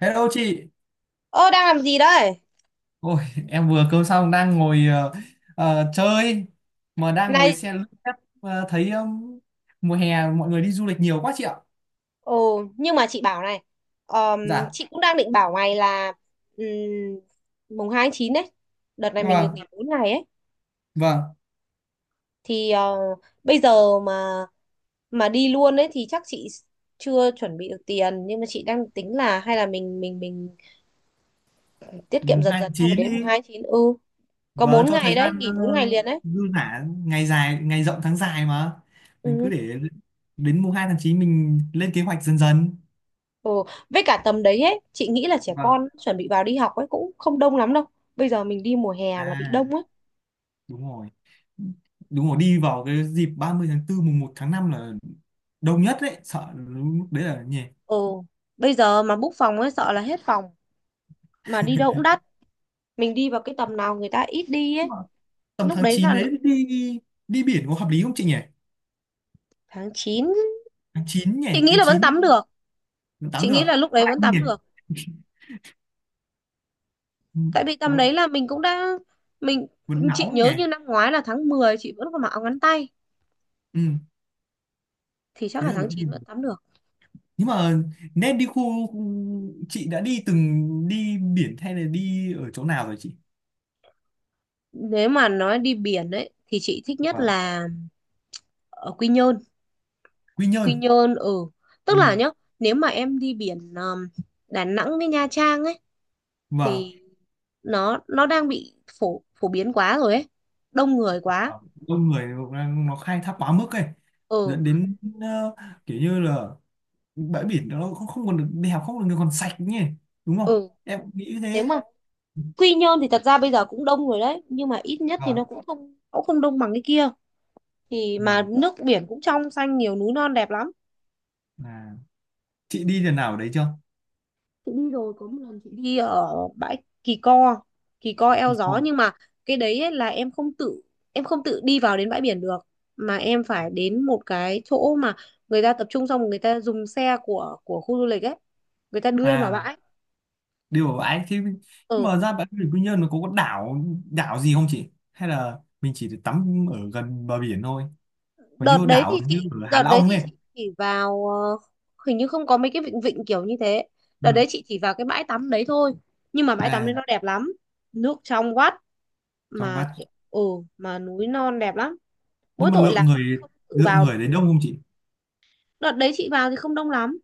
Hello chị. Ơ đang làm gì đấy? Ôi, em vừa cơm xong đang ngồi, chơi, mà đang ngồi Này, xe lướt app, thấy mùa hè mọi người đi du lịch nhiều quá, chị ạ. ồ nhưng mà chị bảo này, ờm, Dạ, chị cũng đang định bảo mày là ừm, mùng 2 tháng 9 đấy, đợt này mình được nghỉ vâng, 4 ngày ấy vâng, thì bây giờ mà đi luôn ấy thì chắc chị chưa chuẩn bị được tiền, nhưng mà chị đang tính là hay là mình tiết kiệm mùng dần hai tháng dần xong rồi 9 đến mùng đi, 2 tháng 9, ừ, có vâng 4 cho thời ngày đấy, gian nghỉ 4 ngày liền đấy. dư giả, ngày dài, ngày rộng tháng dài mà. Mình cứ Ừ. để đến mùng 2 tháng 9 mình lên kế hoạch dần dần. Ừ. Với cả tầm đấy ấy, chị nghĩ là trẻ Vâng. con chuẩn bị vào đi học ấy cũng không đông lắm đâu. Bây giờ mình đi mùa hè là bị À, đông ấy. đúng rồi, đúng rồi, đi vào cái dịp 30 tháng 4, mùng một tháng 5 là đông nhất đấy, sợ lúc đấy là nhỉ. Ồ, bây giờ mà book phòng ấy sợ là hết phòng, mà đi đâu cũng đắt. Mình đi vào cái tầm nào người ta ít đi Nhưng ấy. mà tầm Lúc tháng đấy 9 là đấy đi, đi biển có hợp lý không chị nhỉ? tháng 9. Tháng 9 nhỉ, Chị nghĩ tháng là vẫn chín, tắm được. tháng 8 Chị được? nghĩ là lúc Có đấy lạnh vẫn không nhỉ? tắm được. Ừ, Tại vì có tầm lạnh, đấy là mình cũng đã, mình vẫn chị nóng nhỉ? nhớ như năm ngoái là tháng 10 chị vẫn còn mặc áo ngắn tay, Ừ, thì chắc thế là là tháng vẫn chín biển. vẫn tắm được. Nhưng mà nên đi khu khu- chị đã đi từng đi biển hay là đi ở chỗ nào rồi chị? Nếu mà nói đi biển ấy thì chị thích nhất Vâng. là ở Quy Nhơn. Quy Quy Nhơn. Nhơn, ừ, Ừ. tức là nhá, nếu mà em đi biển, Đà Nẵng với Nha Trang ấy, Vâng. thì nó đang bị phổ phổ biến quá rồi ấy, đông người quá. Vâng. Đông người, nó khai thác quá mức ấy, Ừ. dẫn đến kiểu như là bãi biển đó nó không còn được đẹp, không còn được còn sạch nhỉ, đúng không, Ừ. em cũng nghĩ Nếu thế. mà Quy Nhơn thì thật ra bây giờ cũng đông người đấy, nhưng mà ít nhất thì nó Vâng. cũng không đông bằng cái kia, thì mà Nào. nước biển cũng trong xanh, nhiều núi non đẹp lắm. À, chị đi lần nào ở đấy chưa? Đi ở bãi Kỳ Co Eo Kỳ Gió, Cô. nhưng mà cái đấy ấy là em không tự đi vào đến bãi biển được, mà em phải đến một cái chỗ mà người ta tập trung, xong rồi người ta dùng xe của khu du lịch ấy, người ta đưa em vào À, bãi. điều ở ấy thì nhưng Ừ. mà ra bãi biển Quy Nhơn nó có đảo, đảo gì không chị, hay là mình chỉ được tắm ở gần bờ biển thôi, còn đợt như đấy thì đảo như chị ở Hạ đợt đấy Long thì ấy. chị chỉ vào, hình như không có mấy cái vịnh vịnh kiểu như thế. Ừ. Đợt đấy chị chỉ vào cái bãi tắm đấy thôi, nhưng mà bãi tắm đấy À, nó đẹp lắm, nước trong vắt, trong vắt. mà ừ, mà núi non đẹp lắm, mỗi Nhưng mà tội là không tự lượng vào người được. ở đấy đông không chị? Đợt đấy chị vào thì không đông lắm.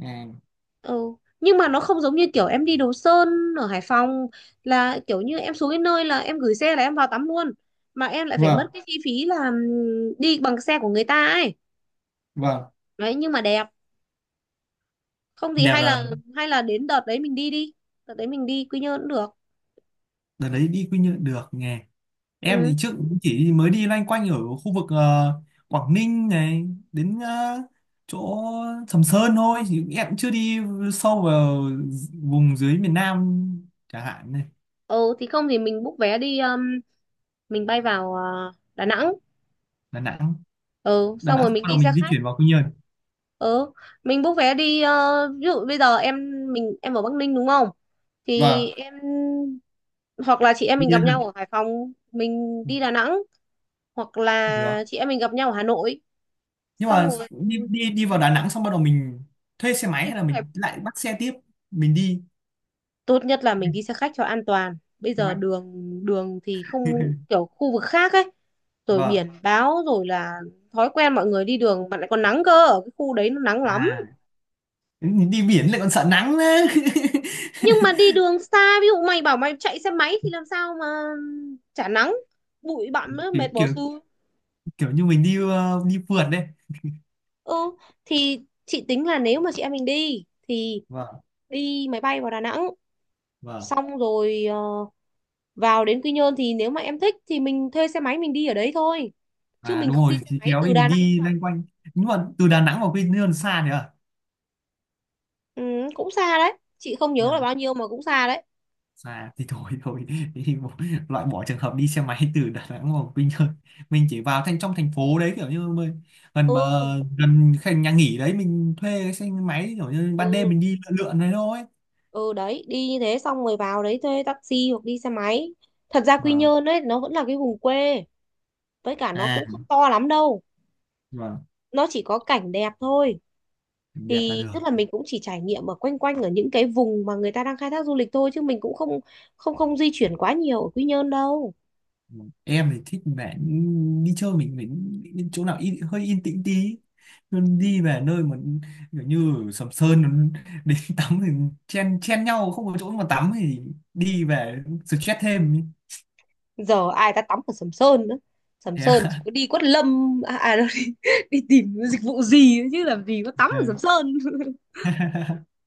À. Ừ. Nhưng mà nó không giống như kiểu em đi Đồ Sơn ở Hải Phòng, là kiểu như em xuống cái nơi là em gửi xe là em vào tắm luôn, mà em lại phải mất Vâng. cái chi phí là đi bằng xe của người ta ấy. Vâng. Đấy, nhưng mà đẹp. Không thì Đẹp hay là là, đến đợt đấy mình đi đi, đợt đấy mình đi Quy Nhơn cũng được. đợt đấy đi Quy Nhơn được nhỉ. Em Ừ. thì trước cũng chỉ mới đi loanh quanh ở khu vực Quảng Ninh này đến chỗ Sầm Sơn thôi, thì em cũng chưa đi sâu vào vùng dưới miền Nam chẳng hạn này. Ừ thì không thì mình book vé đi, mình bay vào Đà Nẵng. Đà Nẵng. Ừ, Đà xong Nẵng rồi mình sau đó đi xe mình di khách. chuyển vào Quy Nhơn. Ừ, mình book vé đi, ví dụ bây giờ em mình em ở Bắc Ninh đúng không? Thì Vâng, em, hoặc là chị em đi mình gặp lên Hàn nhau ở Hải Phòng, mình đi Đà Nẵng, hoặc được. là chị em mình gặp nhau ở Hà Nội. Nhưng Xong mà rồi đi đi đi vào Đà Nẵng xong bắt đầu mình thuê xe máy thì hay là cũng phải, mình lại bắt xe tiếp mình đi. tốt nhất là mình đi xe khách cho an toàn. Bây Kế giờ hoạch. đường đường thì không kiểu khu vực khác ấy, rồi Vâng. biển báo, rồi là thói quen mọi người đi đường, mà lại còn nắng cơ, ở cái khu đấy nó nắng lắm. À, đi biển lại còn sợ nắng nữa. Nhưng mà đi đường xa, ví dụ mày bảo mày chạy xe máy thì làm sao mà chả nắng, bụi bặm nữa, kiểu mệt bỏ kiểu xu. kiểu như mình đi đi phượt đây. Ừ thì chị tính là nếu mà chị em mình đi thì Vâng. đi máy bay vào Đà Nẵng, Vâng. xong rồi vào đến Quy Nhơn thì nếu mà em thích thì mình thuê xe máy mình đi ở đấy thôi, chứ À, mình đúng không rồi đi xe thì máy kéo từ đi, mình Đà Nẵng đi vào. loanh quanh. Nhưng mà từ Đà Nẵng vào Quy Nhơn xa nhỉ. Ừ, cũng xa đấy, chị không nhớ là À, bao nhiêu mà cũng xa đấy. xa thì thôi thôi thì loại bỏ trường hợp đi xe máy từ Đà Nẵng vào Quy Nhơn, mình chỉ vào thành trong thành phố đấy, kiểu như mình, gần mà, Ừ. gần cái nhà nghỉ đấy mình thuê cái xe máy, kiểu như ban đêm Ừ. mình đi lượn lượn đấy thôi. Ừ đấy, đi như thế xong rồi vào đấy thuê taxi hoặc đi xe máy. Thật ra Quy Vâng. Nhơn ấy nó vẫn là cái vùng quê, với cả nó À, cũng không to lắm đâu, vâng, nó chỉ có cảnh đẹp thôi. đẹp là Thì được. tức là mình cũng chỉ trải nghiệm ở quanh quanh ở những cái vùng mà người ta đang khai thác du lịch thôi, chứ mình cũng không không không di chuyển quá nhiều ở Quy Nhơn đâu. Em thì thích vẻ đi chơi mình phải đi chỗ nào yên, hơi yên tĩnh tí. Nhưng đi về nơi mà kiểu như Sầm Sơn đến tắm thì chen chen nhau không có chỗ mà tắm thì đi về stress thêm. Giờ ai ta tắm ở Sầm Sơn nữa, Sầm Thế Sơn chỉ à? có đi Quất Lâm, à, à đâu, đi, đi tìm dịch vụ gì nữa chứ làm gì có tắm Ừ. ở Sầm Sơn.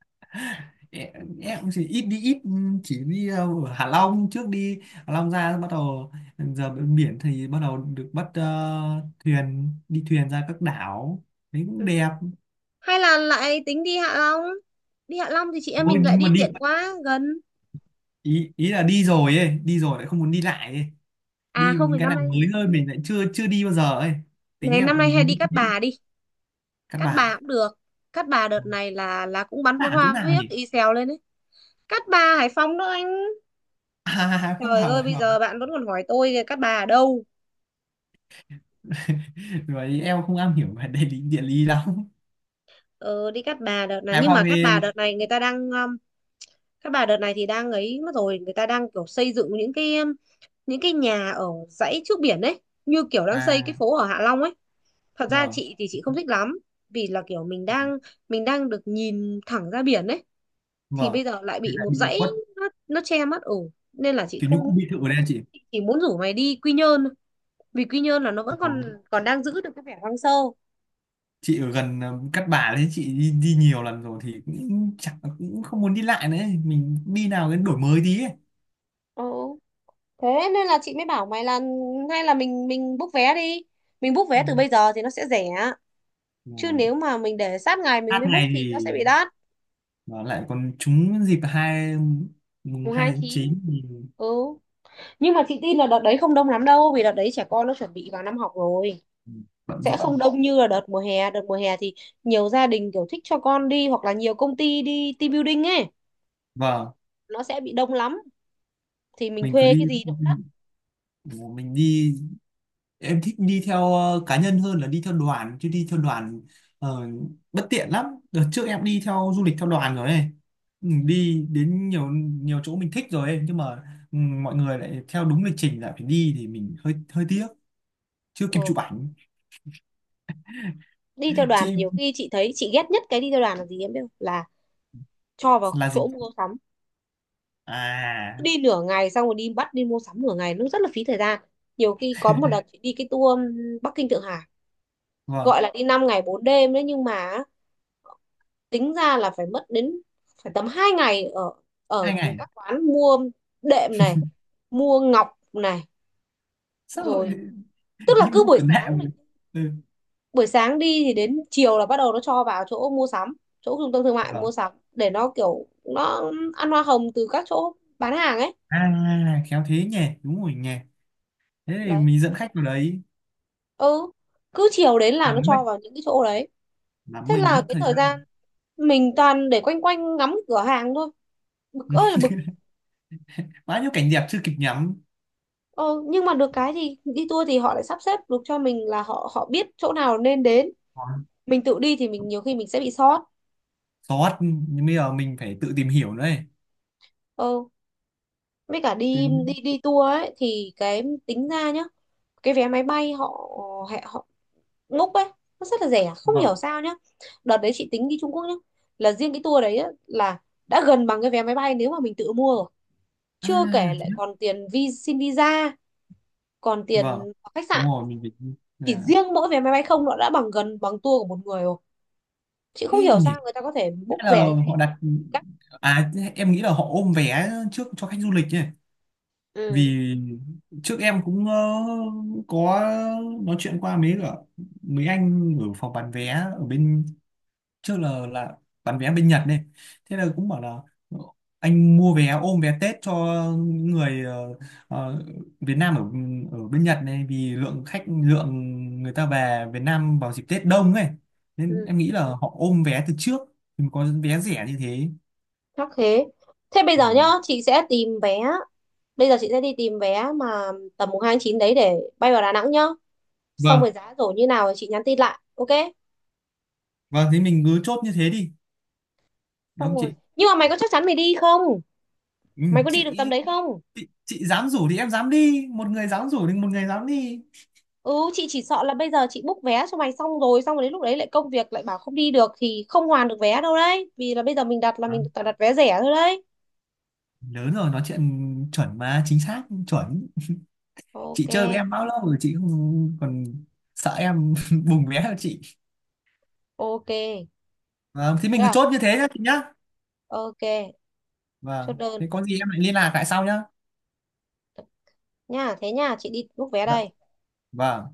em chỉ ít đi, ít chỉ đi ở Hạ Long, trước đi Hạ Long ra bắt đầu giờ bên biển thì bắt đầu được bắt thuyền, đi thuyền ra các đảo, đấy cũng Ừ. đẹp. Hay là lại tính đi Hạ Long, đi Hạ Long thì chị em Thôi, mình lại nhưng mà đi tiện đi, quá gần. ý ý là đi rồi ấy, đi rồi lại không muốn đi lại ấy, đi À không những thì cái năm nào nay, mới hơn mình lại chưa chưa đi bao giờ ấy, tính này em năm nay cũng hay như đi Cát thế. Bà đi. Căn Cát Bà bà cũng được. Cát Bà đợt này là cũng bắn pháo làm chỗ hoa nào huyếc nhỉ? y xèo lên đấy. Cát Bà Hải Phòng đó anh. À, không, Trời hờ ơi bây không. giờ bạn vẫn còn hỏi tôi kìa, Cát Bà ở đâu. Rồi em không am hiểu về địa lý, địa lý lắm. Ờ, đi Cát Bà đợt này, Hải nhưng Phòng mà Cát thì Bà đợt này người ta đang, các bà đợt này thì đang ấy mất rồi, người ta đang kiểu xây dựng những cái, những cái nhà ở dãy trước biển đấy, như kiểu đang xây cái à? phố ở Hạ Long ấy. Thật ra Vâng. chị thì chị không thích lắm, vì là kiểu mình đang, được nhìn thẳng ra biển ấy thì Vâng. bây giờ lại Thì bị là một bị dãy, khuất, nó che mất ổ, nên là chị kiểu như không, khu biệt thự ở đây chị. chị chỉ muốn rủ mày đi Quy Nhơn thôi. Vì Quy Nhơn là nó vẫn Ờ, còn, còn đang giữ được cái vẻ hoang sơ. chị ở gần Cát Bà đấy chị đi nhiều lần rồi thì cũng chẳng cũng không muốn đi lại nữa ấy. Mình đi nào đến đổi mới tí ấy. Ừ. Thế nên là chị mới bảo mày là hay là mình book vé đi, mình book Ừ, vé từ bây giờ thì nó sẽ rẻ, đúng chứ rồi. nếu mà mình để sát ngày mình Hát mới book ngày thì nó thì sẽ bị đắt. và lại còn trúng dịp mùng Mùng hai hai tháng chín. 9 thì Ừ. Nhưng mà chị tin là đợt đấy không đông lắm đâu, vì đợt đấy trẻ con nó chuẩn bị vào năm học rồi, bận sẽ không rộn. đông như là đợt mùa hè. Đợt mùa hè thì nhiều gia đình kiểu thích cho con đi, hoặc là nhiều công ty đi team building ấy, Vâng, nó sẽ bị đông lắm, thì mình mình cứ thuê đi, cái gì nó cũng đắt. mình đi. Em thích đi theo cá nhân hơn là đi theo đoàn, chứ đi theo đoàn ờ, bất tiện lắm. Đợt trước em đi theo du lịch theo đoàn rồi này. Ừ, đi đến nhiều nhiều chỗ mình thích rồi ấy. Nhưng mà ừ, mọi người lại theo đúng lịch trình lại phải đi thì mình hơi hơi tiếc, chưa kịp Ừ. chụp ảnh. Đi theo đoàn Chị nhiều khi chị thấy, chị ghét nhất cái đi theo đoàn là gì em biết không, là cho vào là gì? chỗ mua sắm. Cứ À, đi nửa ngày xong rồi đi bắt đi mua sắm nửa ngày, nó rất là phí thời gian. Nhiều khi có một đợt chị đi cái tour Bắc Kinh Thượng Hải, vâng, gọi là đi 5 ngày 4 đêm đấy, nhưng mà tính ra là phải mất đến, phải tầm 2 ngày ở ở hai ngày các quán mua đệm này, mua ngọc này, sao? rồi, tức là Đi cứ mua khử nạn mà. Ừ. buổi sáng đi thì đến chiều là bắt đầu nó cho vào chỗ mua sắm, chỗ trung tâm thương mại mua Vâng. sắm, để nó kiểu nó ăn hoa hồng từ các chỗ bán hàng ấy. À, khéo thế nhỉ, đúng rồi nhỉ, thế thì Đấy. mình dẫn khách vào đấy Ừ, cứ chiều đến là nó làm mất, cho vào những cái chỗ đấy, làm thế mình là mất cái thời thời gian gian. mình toàn để quanh quanh ngắm cửa hàng thôi, bực ơi là bực. Bao nhiêu cảnh đẹp chưa kịp ngắm. Ờ, nhưng mà được cái thì đi tour thì họ lại sắp xếp được cho mình, là họ họ biết chỗ nào nên đến, Còn mình tự đi thì mình nhiều khi mình sẽ bị sót. sót, nhưng bây giờ mình phải tự tìm hiểu nữa ấy. ờ với cả đi đi Đến... đi tour ấy thì cái tính ra nhá, cái vé máy bay họ ngốc ấy, nó rất là rẻ không Vâng. hiểu sao nhá. Đợt đấy chị tính đi Trung Quốc nhá, là riêng cái tour đấy á, là đã gần bằng cái vé máy bay nếu mà mình tự mua rồi, chưa kể À, lại thế. còn tiền xin visa, còn Vâng, tiền khách đúng sạn. rồi mình phải. Chỉ À, riêng mỗi vé máy bay không nó đã bằng gần bằng tour của một người rồi, chị thế không hiểu nhỉ, sao người ta có thể book hay là rẻ như thế. họ đặt, Chắc- à em nghĩ là họ ôm vé trước cho khách du lịch nhỉ. ừ Vì trước em cũng có nói chuyện qua mấy cả mấy anh ở phòng bán vé ở bên, trước là bán vé bên Nhật này, thế là cũng bảo là "Ờ, anh mua vé ôm vé Tết cho những người ờ, Việt Nam ở ở bên Nhật này, vì lượng khách, lượng người ta về Việt Nam vào dịp Tết đông ấy, nên ừ em nghĩ là họ ôm vé từ trước thì có vé rẻ như thế. chắc thế. Thế bây giờ nhá Ờ. chị sẽ tìm vé, bây giờ chị sẽ đi tìm vé mà tầm mùng hai tháng chín đấy để bay vào Đà Nẵng nhá, xong rồi Vâng. giá rồi như nào thì chị nhắn tin lại, ok. Vâng, thế mình cứ chốt như thế đi, đúng Xong không rồi chị? nhưng mà mày có chắc chắn mày đi không, Ừ, mày có đi được tầm chị đấy không. Chị dám rủ thì em dám đi, một người dám rủ thì một người dám đi. Ừ chị chỉ sợ là bây giờ chị book vé cho mày xong rồi, xong rồi đến lúc đấy lại công việc lại bảo không đi được thì không hoàn được vé đâu đấy, vì là bây giờ mình đặt là Đó, mình toàn đặt vé rẻ thôi đấy. lớn rồi nói chuyện chuẩn mà, chính xác chuẩn. Chị Ok. chơi với em bao lâu rồi chị không còn sợ em bùng vẽ cho chị. Ok Vâng thì được mình cứ chốt không. như thế nhá chị nhá. Ok chốt Vâng đơn thế có gì em lại liên lạc lại sau nhá. nha, thế nha chị đi book vé Dạ. đây. Vâng.